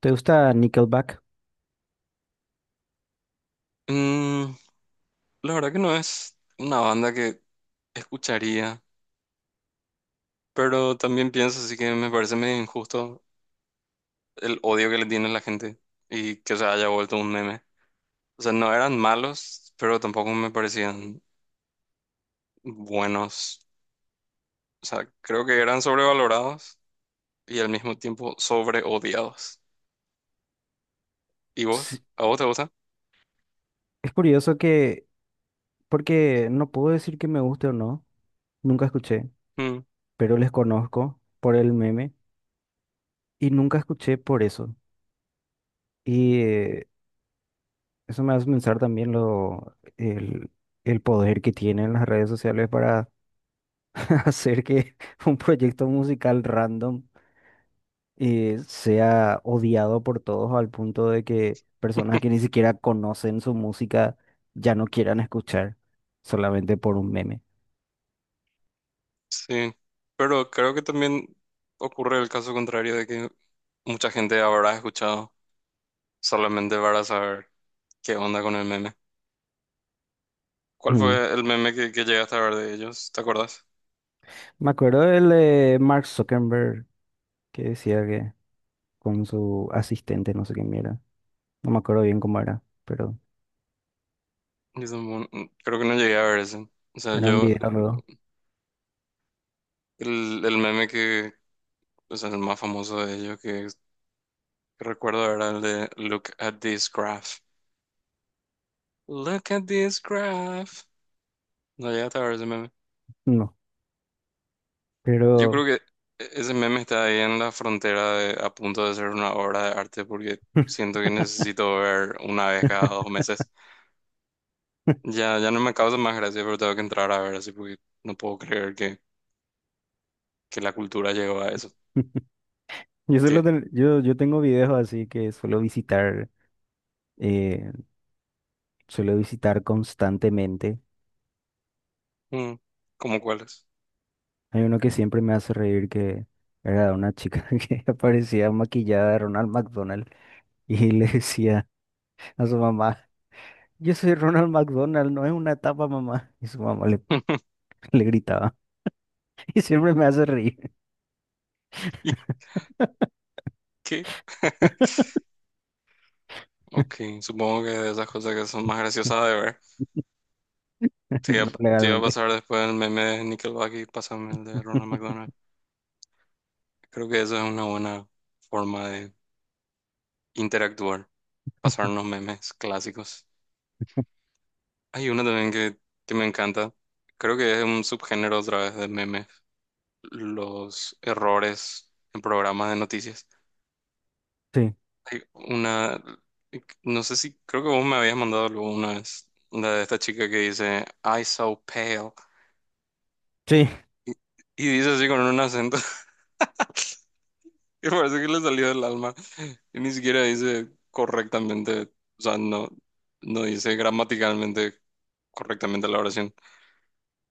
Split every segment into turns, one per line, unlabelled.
¿Te gusta Nickelback?
Mm, la verdad que no es una banda que escucharía, pero también pienso así que me parece medio injusto el odio que le tiene la gente y que se haya vuelto un meme. O sea, no eran malos, pero tampoco me parecían buenos. O sea, creo que eran sobrevalorados y al mismo tiempo sobreodiados. ¿Y vos?
Sí,
¿A vos te gusta?
es curioso que, porque no puedo decir que me guste o no, nunca escuché,
Mm,
pero les conozco por el meme y nunca escuché por eso. Y eh, eso me hace pensar también el poder que tienen las redes sociales para hacer que un proyecto musical random sea odiado por todos al punto de que personas que ni siquiera conocen su música ya no quieran escuchar solamente por un meme.
sí, pero creo que también ocurre el caso contrario de que mucha gente habrá escuchado solamente para saber. ¿Qué onda con el meme? ¿Cuál fue el meme que llegaste a ver de ellos? ¿Te acuerdas?
Me acuerdo del de Mark Zuckerberg que decía que con su asistente, no sé qué mierda. No me acuerdo bien cómo era, pero
Yo tampoco- creo que no llegué a ver ese. O sea,
era un
yo,
video luego.
el meme que, o sea, el más famoso de ellos que recuerdo era el de "Look at this graph". "Look at this graph". No llegaste a ver ese meme.
No,
Yo
pero
creo que ese meme está ahí en la frontera de- a punto de ser una obra de arte porque siento que necesito ver una vez cada dos meses. Ya no me causa más gracia, pero tengo que entrar a ver así porque no puedo creer que la cultura llegó a eso. Sí.
yo tengo videos así que eh, suelo visitar constantemente.
Mm, ¿cómo cuáles?
Hay uno que siempre me hace reír que era de una chica que aparecía maquillada de Ronald McDonald y le decía a su mamá, yo soy Ronald McDonald, no es una etapa, mamá. Y su mamá le le gritaba. Y siempre me hace reír,
¿Y qué? Ok, supongo que de esas cosas que son más graciosas de ver. Te iba,
no
te iba a
legalmente.
pasar después el meme de Nickelback y pásame el de Ronald McDonald. Creo que eso es una buena forma de interactuar, pasarnos memes clásicos. Hay uno también que me encanta. Creo que es un subgénero otra vez de memes. Los errores en programas de noticias.
Sí,
Hay una, no sé si, creo que vos me habías mandado algo una vez, la de esta chica que dice, "I so pale",
sí.
y, y dice así con un acento que parece que le salió del alma, y ni siquiera dice correctamente, o sea, no, no dice gramaticalmente correctamente la oración,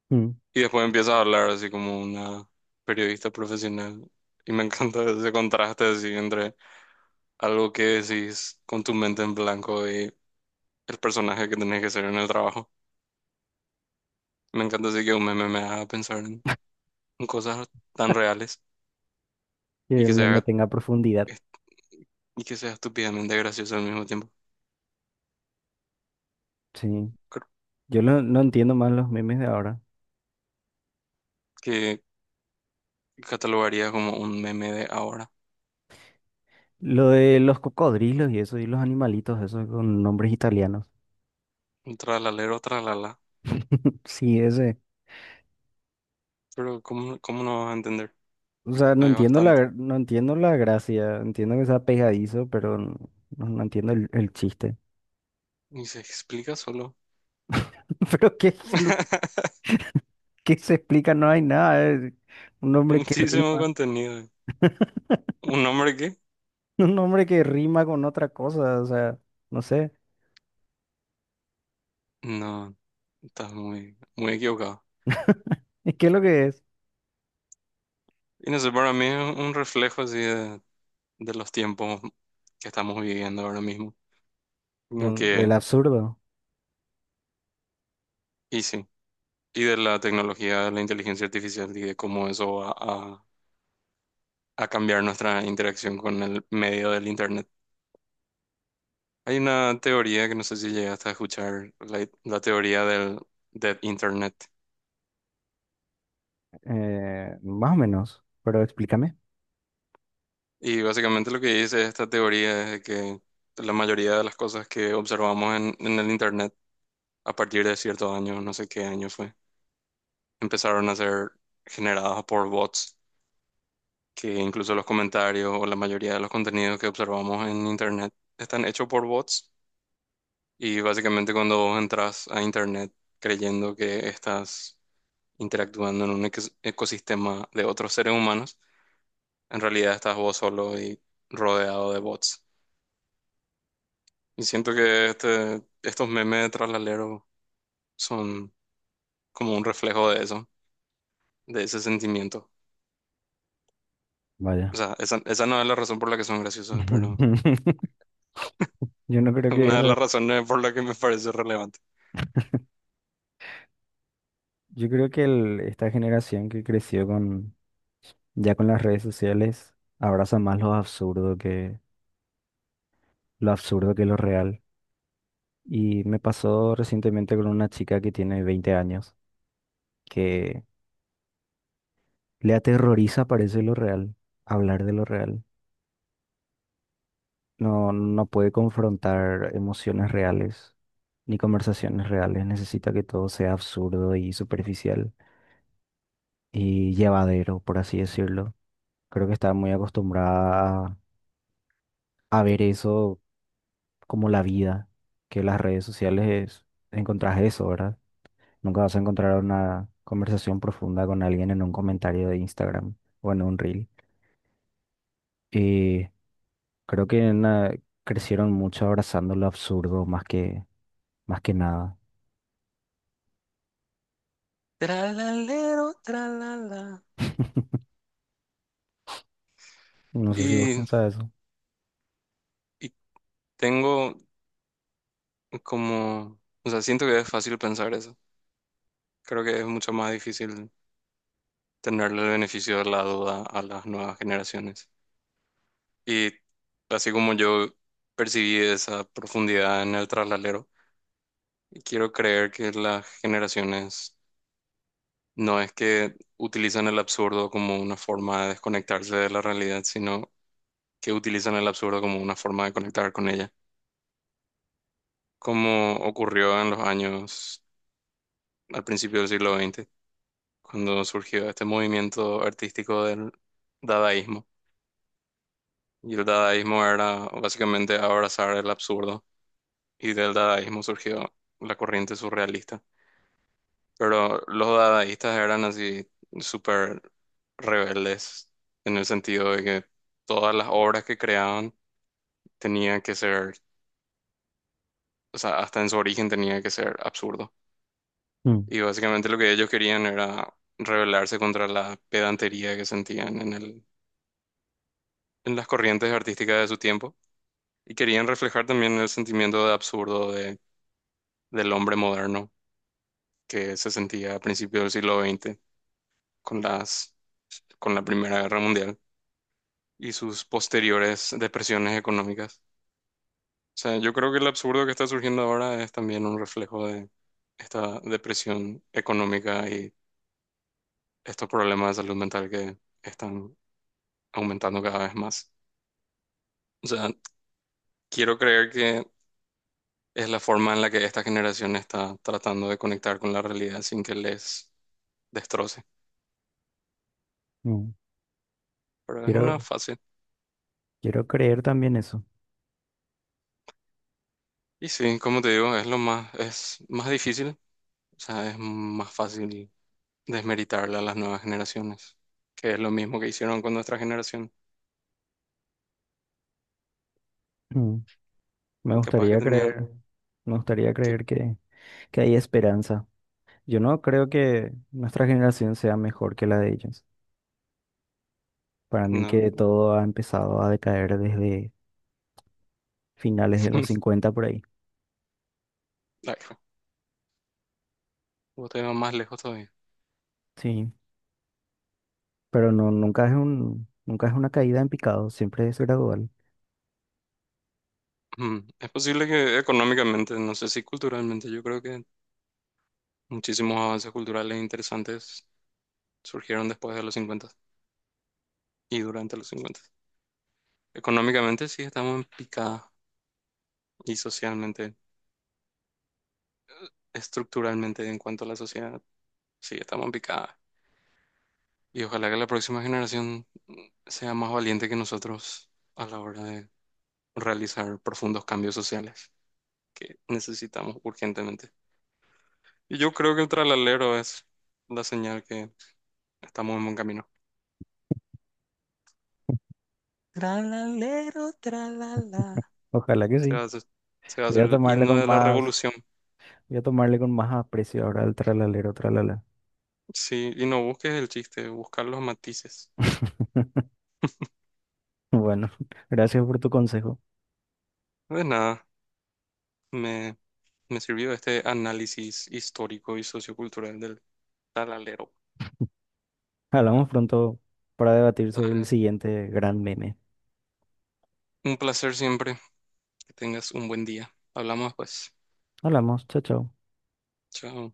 Mm.
y después empieza a hablar así como una periodista profesional, y me encanta ese contraste así entre algo que decís con tu mente en blanco y el personaje que tenés que ser en el trabajo. Me encanta así que un meme me haga pensar en cosas tan reales
Que
y
el
que
meme
sea,
tenga profundidad.
y que sea estúpidamente gracioso al mismo tiempo.
Sí.
Creo
No entiendo más los memes de ahora.
que catalogaría como un meme de ahora.
Lo de los cocodrilos y eso, y los animalitos, eso con nombres italianos.
Un tralalero, tralala.
Sí, ese.
Pero ¿cómo, cómo no vas a entender?
O sea,
Hay bastante.
no entiendo la gracia. Entiendo que sea pegadizo, no entiendo el chiste.
Y se explica solo.
Pero ¿qué es lo que se explica? No hay nada. Es un nombre que
Muchísimo
rima.
contenido. ¿Un hombre qué?
Un nombre que rima con otra cosa, o sea, no sé.
No, estás muy, muy equivocado.
¿Qué es lo que es?
Y no sé, para mí es un reflejo así de los tiempos que estamos viviendo ahora mismo. Como
El
que,
absurdo.
y sí, y de la tecnología, de la inteligencia artificial y de cómo eso va a cambiar nuestra interacción con el medio del Internet. Hay una teoría que no sé si llegaste a escuchar, la teoría del Dead Internet.
Más o menos, pero explícame.
Y básicamente lo que dice esta teoría es que la mayoría de las cosas que observamos en el Internet a partir de ciertos años, no sé qué año fue, empezaron a ser generadas por bots, que incluso los comentarios o la mayoría de los contenidos que observamos en Internet están hechos por bots. Y básicamente cuando vos entras a internet creyendo que estás interactuando en un ecosistema de otros seres humanos, en realidad estás vos solo y rodeado de bots. Y siento que este, estos memes de tralalero son como un reflejo de eso, de ese sentimiento. O
Vaya.
sea, esa no es la razón por la que son graciosos, pero
Yo no creo
una
que
de
esa,
las razones por la que me parece relevante.
yo creo que esta generación que creció con, ya con las redes sociales, abraza más lo absurdo lo absurdo que lo real. Y me pasó recientemente con una chica que tiene 20 años, que le aterroriza, parece lo real, hablar de lo real. No puede confrontar emociones reales ni conversaciones reales. Necesita que todo sea absurdo y superficial y llevadero, por así decirlo. Creo que está muy acostumbrada a ver eso como la vida, que las redes sociales encontrás eso, ¿verdad? Nunca vas a encontrar una conversación profunda con alguien en un comentario de Instagram o en un reel. Y creo que na- crecieron mucho abrazando lo absurdo más que nada.
Tralalero, tralala.
No sé si vos
Y,
pensás eso.
y tengo, como, o sea, siento que es fácil pensar eso. Creo que es mucho más difícil tenerle el beneficio de la duda a las nuevas generaciones. Y así como yo percibí esa profundidad en el traslalero, quiero creer que las generaciones no es que utilizan el absurdo como una forma de desconectarse de la realidad, sino que utilizan el absurdo como una forma de conectar con ella, como ocurrió en los años al principio del siglo XX cuando surgió este movimiento artístico del dadaísmo. Y el dadaísmo era básicamente abrazar el absurdo. Y del dadaísmo surgió la corriente surrealista. Pero los dadaístas eran así súper rebeldes en el sentido de que todas las obras que creaban tenían que ser, o sea, hasta en su origen tenía que ser absurdo.
Mm.
Y básicamente lo que ellos querían era rebelarse contra la pedantería que sentían en el, en las corrientes artísticas de su tiempo. Y querían reflejar también el sentimiento de absurdo de, del hombre moderno que se sentía a principios del siglo XX con las, con la Primera Guerra Mundial y sus posteriores depresiones económicas. O sea, yo creo que el absurdo que está surgiendo ahora es también un reflejo de esta depresión económica y estos problemas de salud mental que están aumentando cada vez más. O sea, quiero creer que es la forma en la que esta generación está tratando de conectar con la realidad sin que les destroce.
Mm.
Pero es una
Quiero,
fácil.
quiero creer también eso.
Y sí, como te digo, es lo más, es más difícil, o sea, es más fácil desmeritarle a las nuevas generaciones, que es lo mismo que hicieron con nuestra generación.
Mm. Me
Y capaz que
gustaría
tenían
creer, me gustaría
que,
creer que hay esperanza. Yo no creo que nuestra generación sea mejor que la de ellos. Para mí
no,
que todo ha empezado a decaer desde finales de los 50 por ahí.
claro, vos te vas más lejos todavía.
Sí, pero nunca es una caída en picado, siempre es gradual.
Mm, es posible que económicamente, no sé si culturalmente, yo creo que muchísimos avances culturales interesantes surgieron después de los 50 y durante los cincuenta. Económicamente sí estamos en picada y socialmente, estructuralmente en cuanto a la sociedad. Sí, estamos picadas. Y ojalá que la próxima generación mm, sea más valiente que nosotros a la hora de realizar profundos cambios sociales que necesitamos urgentemente. Y yo creo que el tralalero es la señal que estamos en buen camino. Tralalero, tralala.
Ojalá que
Se va a
sí.
hacer, se va a
Voy
hacer
a
el
tomarle
himno
con
de la
más,
revolución.
voy a tomarle con más aprecio ahora al tralalero, tralala.
Sí, y no busques el chiste, buscar los matices.
Bueno, gracias por tu consejo.
De nada, me, me sirvió este análisis histórico y sociocultural del tralalero.
Hablamos pronto para debatir sobre el siguiente gran meme.
Un placer siempre. Que tengas un buen día. Hablamos pues.
Hablamos, chao, chao.
Chao.